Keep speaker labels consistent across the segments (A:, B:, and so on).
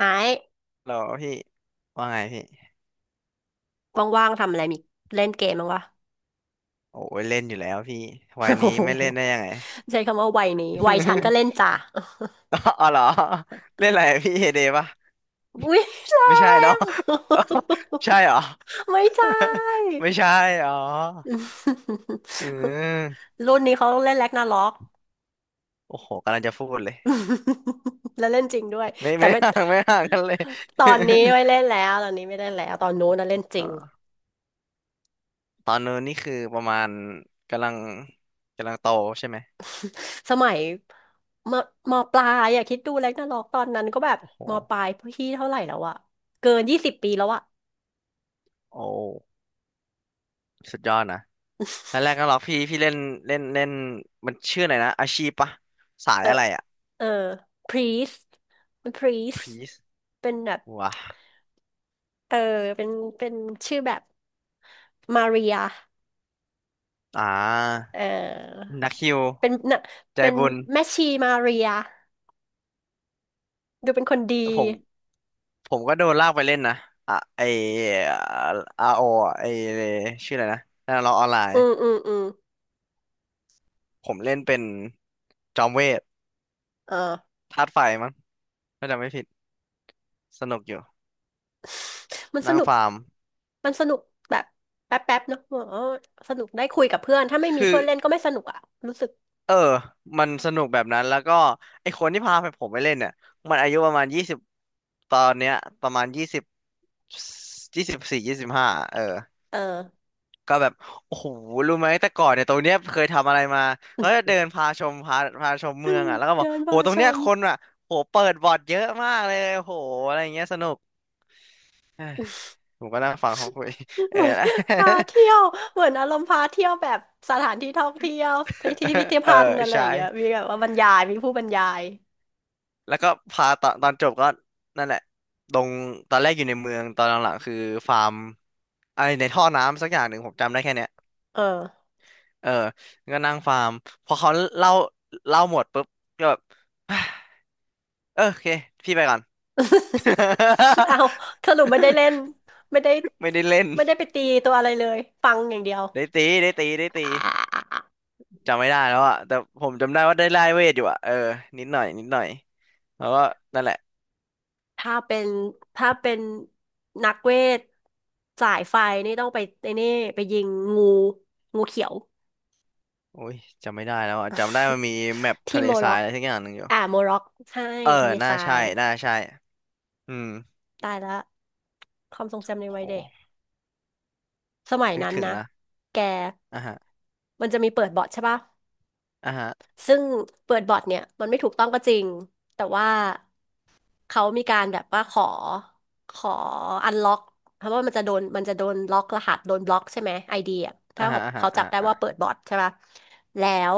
A: ไอ้
B: หรอพี่ว่าไงพี่
A: ว่างๆทำอะไรมีเล่นเกมบ้างวะ
B: โอ้ยเล่นอยู่แล้วพี่วัย นี้
A: โอ้โห
B: ไม่เล่นได้ยังไง
A: ใช้คำว่าวัยนี้วัยฉันก็เล่น จ้ะ
B: อ๋อเหรอเล่นอะไรพี่เฮเดปะ
A: อุ้ยแร
B: ไม่ใช่เนาะ
A: ง
B: ใช่ เหรอ
A: ไม่ใช่
B: ไม่ใช่อ๋ออืม
A: รุ่นนี้เขาเล่นแร็กนาร็อก
B: โอ้โหกำลังจะพูดเลย
A: แล้วเล่นจริงด้วย
B: ไม่
A: แต่
B: ไม่
A: ไม่
B: ห่างไม่ห่างกันเลย
A: ตอนนี้ ไม่เล่นแล้วตอนนี้ไม่เล่นแล้วตอนนู้นนะเล่นจ
B: อ่
A: ริง
B: าตอนนู้นนี่คือประมาณกำลังกำลังโตใช่ไหม
A: สมัยมมปลายอะคิดดูแร็กนาร็อกตอนนั้นก็แบบ
B: โอ้โห
A: มปลายพี่เท่าไหร่แล้วอะเกิน20 ปีแล้วอะ
B: โอ้สุดยอดนะ ตอนแรกก็ หรอกพี่เล่นเล่นเล่นมันชื่ออะไรนะอาชีพปะสาย
A: เออ
B: อะไรอ่ะ
A: เออ priest priest
B: พีซ
A: เป็นแบบ
B: ว้า
A: เออเป็นเป็นชื่อแบบมาเรีย
B: อ่า
A: เออ
B: นักฮิว
A: เป็นนะ
B: ใจ
A: เป็น
B: บุญ
A: แม่ชีมาเรียดูเป็นคนดี
B: ผมผมก็โดนลากไปเล่นนะอ่ะไออาโอไอชื่ออะไรนะนั่นเราออนไลน์
A: อืมอืมอืม
B: ผมเล่นเป็นจอมเวท
A: เออ
B: ธาตุไฟมั้งถ้าจำไม่ผิดสนุกอยู่
A: มันส
B: นั่ง
A: นุก
B: ฟาร์ม
A: มันสนุกแบบแป๊บแป๊บเนาะอ๋อสนุกได้คุยกับเพื่อนถ้าไม่มี
B: คือ
A: เพื่อนเล่นก็ไม่สนุกอ่ะรู้สึก
B: เออมันสนุกแบบนั้นแล้วก็ไอคนที่พาไปผมไปเล่นเนี่ยมันอายุประมาณยี่สิบตอนเนี้ยประมาณยี่สิบ 24 25เออ
A: เออ
B: ก็แบบโอ้โหรู้ไหม แต่ก่อนเนี่ยตรงเนี้ยเคยทำอะไรมาเขาจะเดินพาชมพาชมเมืองอ่ะแล้วก็ บอก
A: เดิน
B: โห
A: มา
B: ตรง
A: ช
B: เนี้ย
A: ม
B: คนอ่ะโหเปิดบอร์ดเยอะมากเลยโหอะไรอย่างเงี้ยสนุก เอ้ยผมก็นั่งฟังเขาคุยเอ
A: เห
B: อ
A: มือน พาเที่ยวเหมือนอารมณ์พาเที่ยวแบบสถานที่ท่องเที่ยวที่พิพิธ
B: เออ
A: ภัณฑ์อะไร
B: ใช่
A: อย่างเงี้ยมีแบบว่าบรรยายมีผู้บรรยาย
B: แล้วก็พาตอนจบก็นั่นแหละตรงตอนแรกอยู่ในเมืองตอนหลังๆคือฟาร์มอะไรในท่อน้ำสักอย่างหนึ่งผมจำได้แค่เนี้ย
A: เออ
B: เออก็นั่งฟาร์มพอเขาเล่าหมดปุ๊บก็แบบ เออโอเคพี่ไปก่อน
A: เอาสรุปไม่ได้เล่น ไม่ได้
B: ไม่ได้เล่น
A: ไม่ได้ไปตีตัวอะไรเลยฟังอย่างเดียว
B: ได้ตีได้ตีได้ตี
A: อ่า
B: จำไม่ได้แล้วอะแต่ผมจำได้ว่าได้ไล่เวทอยู่อะเออนิดหน่อยนิดหน่อยแล้วก็นั่นแหละ
A: ถ้าเป็นถ้าเป็นนักเวทสายไฟนี่ต้องไปไอ้นี่ไปยิงงูงูเขียว
B: โอ้ยจำไม่ได้แล้วอะจำได้มัน มีแมป
A: ที่
B: ทะเล
A: โม
B: ทรา
A: ร็อ
B: ย
A: ก
B: อะไรสักอย่างหนึ่งอยู่
A: อ่าโมร็อกใช่
B: เออ
A: ทะเล
B: น่า
A: ทรา
B: ใช่
A: ย
B: น่าใช่อืม
A: ตายแล้ว ความทรงจำในวัยเด็
B: โห
A: กสมัย
B: นึก
A: นั้น
B: ถึง
A: นะ
B: ละ
A: แก
B: อ่ะฮะ
A: มันจะมีเปิดบอร์ดใช่ปะ
B: อ่ะฮะ
A: ซึ่งเปิดบอร์ดเนี่ยมันไม่ถูกต้องก็จริงแต่ว่าเขามีการแบบว่าขออันล็อกเพราะว่ามันจะโดนมันจะโดนล็อกรหัสโดนบล็อกใช่ไหมไอเดีย
B: อ่ะ
A: ถ้า
B: ฮะอ่ะฮะ
A: เขาจั
B: อ่ะ
A: บได้
B: อ่ะ
A: ว่าเปิดบอร์ดใช่ปะแล้ว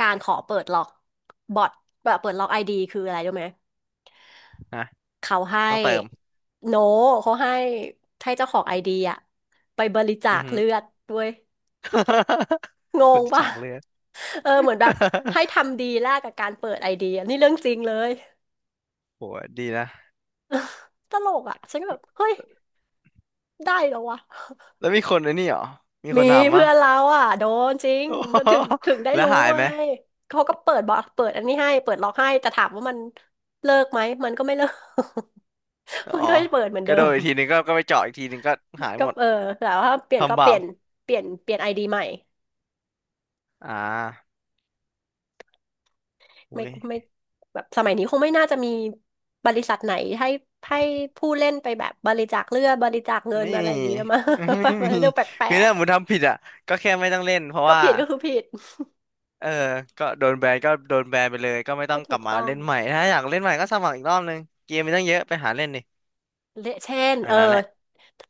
A: การขอเปิดล็อกบอร์ดแบบเปิดล็อกไอดีคืออะไรรู้ไหม
B: ฮะ
A: เขาให้
B: ต้องเติม
A: โนเขาให้ให้เจ้าของไอเดียไปบริจา
B: อือ
A: ค
B: ฮึ
A: เลือดด้วย ง
B: คน
A: ง
B: ที่
A: ป่ะ
B: ฉากเลือด
A: เออเหมือนแบบให้ ทำดีแลกกับการเปิดไอเดียนี่เรื่องจริงเลย
B: โหดีนะ
A: ตลกอ่ะฉันก็แบบเฮ้ยได้เหรอวะ
B: แล้วมีคนไอ้นี่เหรอมีค
A: มี
B: นทำ
A: เพื่
B: ปะ
A: อนเราอ่ะโดนจริง
B: โอ้โห
A: ก็ถึง ได้
B: แล้ว
A: รู้
B: หาย
A: ไง
B: ไหม
A: เขาก็เปิดบล็อกเปิดอันนี้ให้เปิดล็อกให้แต่ถามว่ามันเลิกไหมมันก็ไม่เลิก
B: อ๋
A: มัน
B: อ
A: ก็เปิดเหมือน
B: ก็
A: เดิ
B: โด
A: ม
B: นอีกทีหนึ่งก็ไปเจาะอีกทีหนึ่งก็หาย
A: ก็
B: หมด
A: เออแต่ว่าเปลี่ยนก็
B: ทำ
A: เป
B: บา
A: ลี่
B: ป
A: ยนเปลี่ยนไอดีใหม่
B: อ่า
A: ไม่
B: อุ้ย
A: ไม่แบบสมัยนี้คงไม่น่าจะมีบริษัทไหนให้ให้ผู้เล่นไปแบบบริจาคเลือดบริจาคเงิน
B: ไม่
A: อะไร
B: มี
A: อย่างเงี้ยมา
B: ไม่
A: มัน
B: มี
A: เรื่องแปล
B: คือ
A: ก
B: ถ้าผมทำผิดอ่ะก็แค่ไม่ต้องเล่นเพราะ
A: ๆก็
B: ว่า
A: ผิดก็คือผิด
B: เออก็โดนแบนก็โดนแบนไปเลยก็ไม่ต้อ
A: ก็
B: งก
A: ถู
B: ลับ
A: ก
B: มา
A: ต้อ
B: เล่
A: ง
B: นใหม่ถ้าอยากเล่นใหม่ก็สมัครอีกรอบนึงเกมมีตั้งเยอะไปหาเล่นดิ
A: เละเช่น
B: อั
A: เอ
B: น
A: อ
B: นั้นแหละ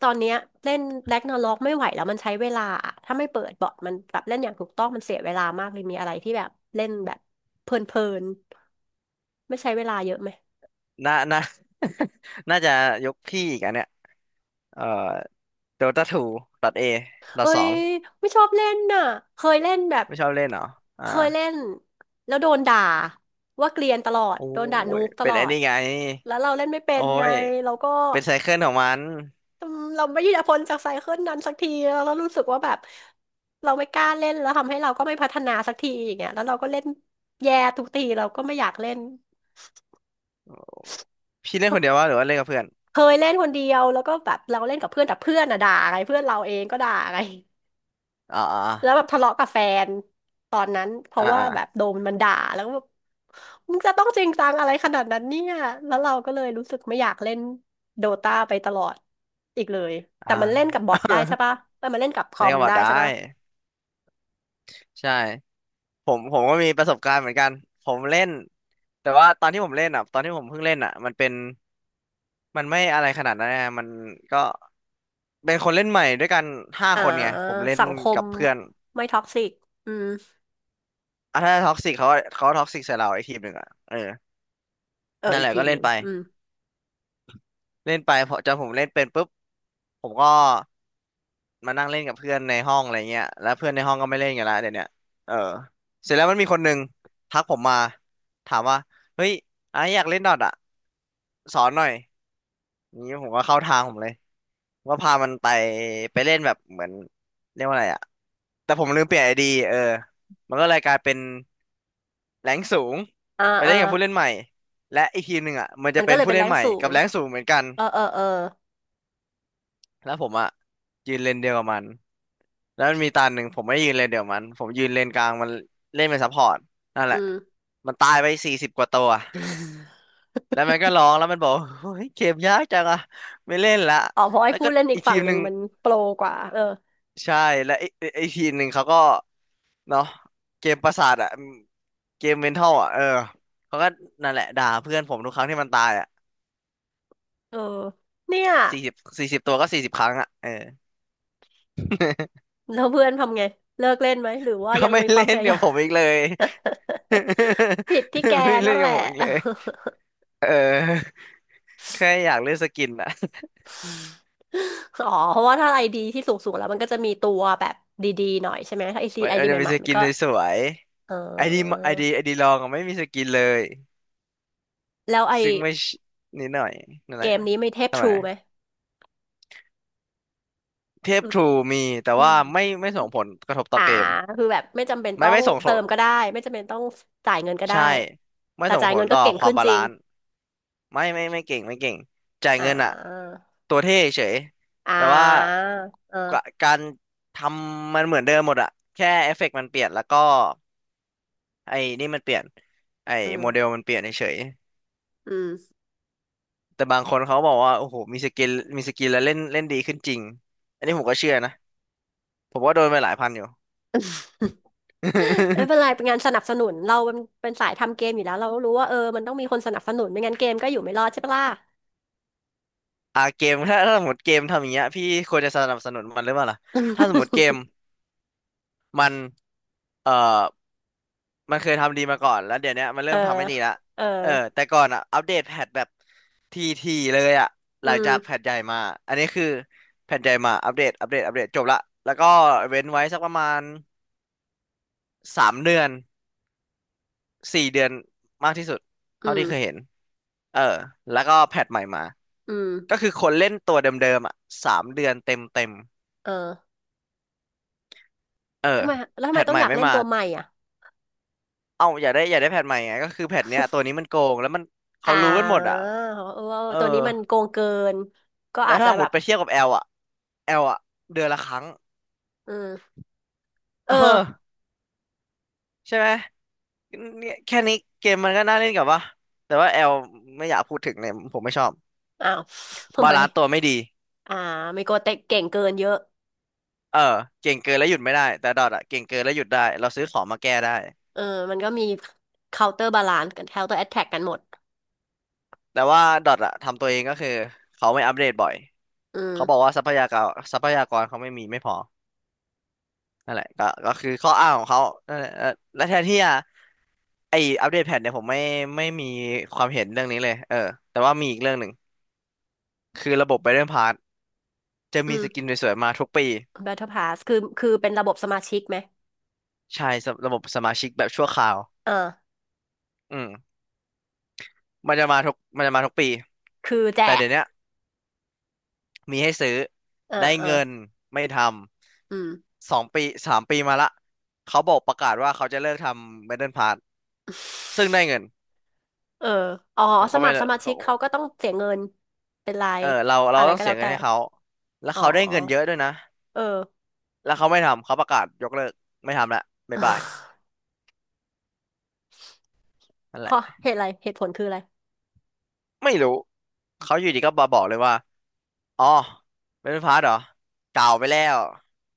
A: ตอนเนี้ยเล่นแร็กนาร็อกไม่ไหวแล้วมันใช้เวลาอะถ้าไม่เปิดบอทมันแบบเล่นอย่างถูกต้องมันเสียเวลามากเลยมีอะไรที่แบบเล่นแบบเพลินๆไม่ใช้เวลาเยอะไหม
B: น่าน่า น่าจะยกพี่อีกอันเนี้ยเออ โดตาทูดอทเอดอท
A: เอ้
B: สอ
A: ย
B: ง
A: ไม่ชอบเล่นน่ะเคยเล่นแบบ
B: ไม่ชอบเล่นเหรออ่า
A: เคยเล่นแล้วโดนด่าว่าเกลียนตลอด
B: โอ้
A: โดนด่านู
B: ย
A: บต
B: เป็น
A: ลอ
B: ไอ้
A: ด
B: นี่ไง
A: แล้วเราเล่นไม่เป็
B: โอ้
A: นไง
B: ย
A: เราก็
B: เป็นไซเคิลของมัน
A: อืมเราไม่ยืดพ้นจากไซเคิลนั้นสักทีแล้วเรารู้สึกว่าแบบเราไม่กล้าเล่นแล้วทำให้เราก็ไม่พัฒนาสักทีอย่างเงี้ยแล้วเราก็เล่นแย่ทุกทีเราก็ไม่อยากเล่น
B: พี่เล่นคนเดียวว่าหรือว่าเล่นกับเพื่อน
A: เคยเล่นคนเดียวแล้วก็แบบเราเล่นกับเพื่อนแต่เพื่อนอะด่าไงเพื่อนเราเองก็ด่าไง
B: อ่าอ่า
A: แล้วแบบทะเลาะกับแฟนตอนนั้นเพ
B: อ่า
A: ราะว่า
B: อ่า
A: แบบโดนมันด่าแล้วก็แบบมึงจะต้องจริงจังอะไรขนาดนั้นเนี่ยแล้วเราก็เลยรู้สึกไม่อยากเล่นโดตาไปตลอดอีกเลยแต่มันเล่น
B: อ่า
A: กับบอทได้ใช่ปะเอ้ยมันเล่นกับค อ
B: เล่น
A: ม
B: กับบอท
A: ได้
B: ได้
A: ใช่ปะ
B: ใช่ผมก็มีประสบการณ์เหมือนกันผมเล่นแต่ว่าตอนที่ผมเล่นอ่ะตอนที่ผมเพิ่งเล่นอ่ะมันเป็นมันไม่อะไรขนาดนั้นนะมันก็เป็นคนเล่นใหม่ด้วยกันห้า
A: อ่า
B: คนไงผมเล่น
A: สังค
B: กั
A: ม
B: บเพื่อน
A: ไม่ท็อกซิกอืม
B: อ่ะถ้าท็อกซิกเขาเขาท็อกซิกใส่เราไอ้ทีมหนึ่งอ่ะเออ
A: เออ
B: นั่น
A: อี
B: แห
A: ก
B: ละ
A: ที
B: ก็
A: ม
B: เล่
A: ห
B: น
A: นึ่ง
B: ไป
A: อืม
B: เล่นไปพอจนผมเล่นเป็นปุ๊บผมก็มานั่งเล่นกับเพื่อนในห้องอะไรเงี้ยแล้วเพื่อนในห้องก็ไม่เล่นกันละเดี๋ยวเนี้ยเออเสร็จแล้วมันมีคนหนึ่งทักผมมาถามว่าเฮ้ยไอ้อยากเล่นดอทอ่ะสอนหน่อยนี้ผมก็เข้าทางผมเลยผมก็พามันไปไปเล่นแบบเหมือนเรียกว่าอะไรอ่ะแต่ผมลืมเปลี่ยนไอดีเออมันก็เลยกลายเป็นแรงค์สูง
A: อ่า
B: ไป
A: อ่า
B: เล่นกับผู้เล่นใหม่และอีกทีมหนึ่งอ่ะมันจะ
A: มันก็
B: เป็น
A: เลย
B: ผู้
A: เป็น
B: เล่
A: แร
B: น
A: ง
B: ใหม่
A: สู
B: กั
A: ง
B: บแรงค์สูงเหมือนกัน
A: เออเออเออ
B: แล้วผมอ่ะยืนเลนเดียวกับมัน แล้วมันมีตาหนึ่งผมไม่ยืนเลนเดี๋ยวมันผมยืนเลนกลางมันเล่นเป็นซัพพอร์ตนั่นแหละ
A: อืม
B: มันตายไปสี่สิบกว่าตัวแล้วมันก็ร้องแล้วมันบอกเฮ้ยเกมยากจังอะไม่เล่นละ
A: อ๋อเพราะไอ้
B: แล้ว
A: ผู้
B: ก็
A: เล่นอี
B: อี
A: ก
B: กที
A: ฝั่ง
B: ม
A: ห
B: ห
A: นึ่
B: นึ่
A: ง
B: ง
A: มันโปรกว่าเออ
B: ใช่แล้วไอ้ทีมหนึ่งเขาก็เนาะเกมประสาทอะเกมเมนทัลอะเออเขาก็นั่นแหละด่าเพื่อนผมทุกครั้งที่มันตายอะ
A: เออเนี่ย
B: 40 40 ตัวก็40 ครั้งอะเออ
A: แล้วเพื่อนทำไงเลิกเล่นไหมหรือว่า
B: ก็
A: ยัง
B: ไม่
A: มีค
B: เล่
A: วามพ
B: น
A: ยา
B: เดี๋ย
A: ยา
B: ว
A: ม
B: ผมอีกเลย
A: ผิดที่แก
B: ไม่เล่
A: นั่
B: น
A: นแห
B: กับ
A: ละ
B: ผมอีกเลยเออ แค่อยากเล่นสกินอ่ะ
A: อ๋อเพราะว่าถ้าไอดีที่สูงๆแล้วมันก็จะมีตัวแบบดีๆหน่อยใช่ไหมถ้าไอซี
B: มัน
A: ไอ
B: มัน
A: ดีให
B: จะมี
A: ม่
B: ส
A: ๆมัน
B: กิน
A: ก็
B: สวย
A: เอ
B: ๆไอดี
A: อ
B: ไอดีไอดีลองอะไม่มีสกินเลย
A: แล้วไอ
B: ซึ่งไม่ชนิดหน่อยนั่น
A: เก
B: แหละ
A: มนี้ไม่เทพ
B: ทำ
A: ท
B: ไม
A: รูไหม
B: เทพ
A: รู้
B: ทรูมีแต่
A: อื
B: ว่า
A: ม
B: ไม่ส่งผลกระทบต่อ
A: อ่า
B: เกม
A: แบบไม่จำเป็น
B: ไม่
A: ต้อ
B: ไม่
A: ง
B: ส่งผ
A: เติ
B: ล
A: มก็ได้ไม่จำเป็นต้องจ่ายเงินก็ได้
B: ใช่ไม่
A: แต่
B: ส่ง
A: จ่าย
B: ผ
A: เงิ
B: ล
A: นก็
B: ต่อ
A: เก่ง
B: ความ
A: ขึ้น
B: บา
A: จริ
B: ลา
A: ง
B: นซ์ไม่เก่งไม่เก่งจ่าย
A: อ่
B: เงินอ่ะ
A: า
B: ตัวเท่เฉย
A: อ่
B: แต่ว่า
A: าเออ
B: กะการทำมันเหมือนเดิมหมดอ่ะแค่เอฟเฟกต์มันเปลี่ยนแล้วก็ไอ้นี่มันเปลี่ยนไอ้
A: อื
B: โมเด
A: ม
B: ลมันเปลี่ยนเฉย
A: อืม
B: แต่บางคนเขาบอกว่าโอ้โหมีสกิลมีสกิลแล้วเล่นเล่นดีขึ้นจริงอันนี้ผมก็เชื่อนะผมว่าโดนไปหลายพันอยู่
A: ไม่เป็นไร เป็นงานสนับสนุนเราเป็นสายทำเกมอยู่แล้วเรารู้ว่าเออมันต้องมีคนสนับสนุนไม่งั้นเกมก็อยู่ไม่รอดใช่ปะล่ะ
B: อ่าเกมถ้าสมมติเกมทำอย่างเงี้ยพี่ควรจะสนับสนุนมันหรือเปล่าล่ะถ้าสมมติเก มมันเอ่อมันเคยทำดีมาก่อนแล้วเดี๋ยวเนี้ยมัน
A: เอ
B: เริ่
A: อ
B: มทำไม่ดีละ
A: เออ
B: เออแต่ก่อนอ่ะอัปเดตแพทแบบทีเลยอ่ะห
A: อื
B: ลังจากแพ
A: ม
B: ทใหญ่มาอันนี้คือแพทใหญ่มาอัปเดตจบละแล้วก็เว้นไว้สักประมาณสามเดือน 4 เดือนมากที่สุดเท่า
A: อืม
B: ที่เคยเห็น เออ แล้วก็แพทใหม่มา
A: อืม
B: ก็คือคนเล่นตัวเดิมๆอ่ะสามเดือนเต็ม
A: เออ
B: เออ
A: ทำไมแล้วทำ
B: แพ
A: ไม
B: ท
A: ต้
B: ให
A: อง
B: ม่
A: อยาก
B: ไม่
A: เล่น
B: มา
A: ตัวใหม่อ่ะ
B: เอ้าอยากได้แพทใหม่ไงก็คือแพทเนี้ยตัวนี้มันโกงแล้วมันเขา
A: อ่
B: รู้กันหมด
A: า
B: อ่ะ
A: เออ
B: เออ
A: ตัวนี้มันโกงเกินก็
B: แล้
A: อา
B: ว
A: จ
B: ถ้า
A: จะ
B: หม
A: แบ
B: ด
A: บ
B: ไปเทียบกับแอลอ่ะแอลอ่ะเดือนละครั้ง
A: อืมเอ
B: เออ
A: อ
B: ใช่ไหมเนี่ยแค่นี้เกมมันก็น่าเล่นกับว่าแต่ว่าแอลไม่อยากพูดถึงเลยผมไม่ชอบ
A: อ้าวทำ
B: บา
A: ไม
B: ลานซ์ตัวไม่ดี
A: อ่าไมโกเตะเก่งเกินเยอะ
B: เออเก่งเกินแล้วหยุดไม่ได้แต่ดอทอะเก่งเกินแล้วหยุดได้เราซื้อของมาแก้ได้
A: เออมันก็มี counter balance กัน counter attack กันหมด
B: แต่ว่าดอทอะทำตัวเองก็คือเขาไม่อัปเดตบ่อย
A: อื
B: เขาบอก
A: ม
B: ว่าทรัพยากรเขาไม่มีไม่พอนั่นแหละก็คือข้ออ้างของเขานั่นแหละเออและแทนที่จะไออัปเดตแพทเนี่ยผมไม่ไม่มีความเห็นเรื่องนี้เลยเออแต่ว่ามีอีกเรื่องหนึ่งคือระบบ Battle Pass จะ
A: อื
B: มี
A: ม
B: สกินสวยๆมาทุกปี
A: Battle Pass คือเป็นระบบสมาชิกไหม
B: ใช่สำระบบสมาชิกแบบชั่วคราว
A: เออ
B: อืมมันจะมาทุกปี
A: คือแจ
B: แต่
A: ก
B: เดี๋ยวเนี้ย มีให้ซื้อ
A: เอ่า
B: ได้
A: อ่า
B: เงินไม่ท
A: อืม
B: ำ2 ปี3 ปีมาละเขาบอกประกาศว่าเขาจะเลิกทำเมดัลพาร์ทซึ่งได้เงิน
A: เอออ๋อ
B: ผม
A: ส
B: ก็
A: มั
B: ไม่
A: คร
B: เลิ
A: ส
B: ก
A: มาชิ
B: เขา
A: กเขาก็ต้องเสียเงิน เป็นรา
B: เอ
A: ย
B: อเรา
A: อะไร
B: ต้อง
A: ก็
B: เสี
A: แล้
B: ย
A: ว
B: เงิน
A: แต่
B: ให้เขาแล้ว
A: อ๋อ
B: เขาได้เงินเยอะด้วยนะ
A: เออ
B: แล้วเขาไม่ทำเขาประกาศยกเลิกไม่ทำละบ๊ายบาย นั่น
A: เพ
B: แหละ
A: ราะเหตุอะไรเหตุผลคืออะไร
B: ไม่รู้เขาอยู่ดีก็มาบอกเลยว่าอ๋อเมดัลพาร์ทเหรอเก่าไปแล้ว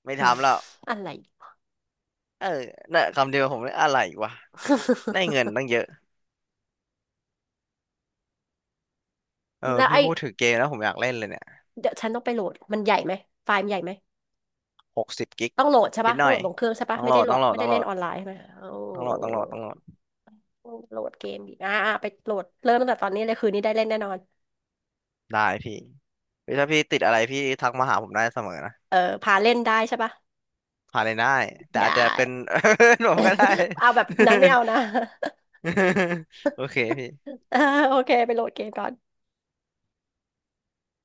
B: ไม่ทำแล้ว
A: อะไร
B: เออน่ะคำเดียวผมเลยอะไรวะได้เงินตั้ งเยอะเออ
A: แล้ว
B: พี่
A: ไอ้
B: พูดถึงเกมแล้วผมอยากเล่นเลยเนี่ย
A: เดี๋ยวฉันต้องไปโหลดมันใหญ่ไหมไฟล์มันใหญ่ไหม
B: 60 กิก
A: ต้องโหลดใช่
B: นิ
A: ปะ
B: ดห
A: ต้อ
B: น่
A: ง
B: อ
A: โหล
B: ย
A: ดลงเครื่องใช่
B: ต้
A: ปะ
B: องโห
A: ไม่
B: ล
A: ได้
B: ด
A: โหล
B: ต้อง
A: ด
B: โหลด
A: ไม่
B: ต้อ
A: ได้
B: งโหล
A: เล่น
B: ด
A: ออนไลน์ใช่ไหมโอ้
B: ต้องโหลดต้องโหลดต้องโหลด
A: โหลดเกมดีอ่าอ่าไปโหลดเริ่มตั้งแต่ตอนนี้เลยคืนนี้ได้เล่นแน่นอน
B: ได้พี่เฮ้ยถ้าพี่ติดอะไรพี่ทักมาหาผมได้เสมอนะ
A: เออพาเล่นได้ใช่ปะ
B: ผ่านเลยได้ แต่อาจจะ
A: ได้
B: เป็น ผมก็ได้
A: เอาแบบนั้นไม่เอานะ
B: โอเคพี่
A: อ่าโอเคไปโหลดเกมก่อน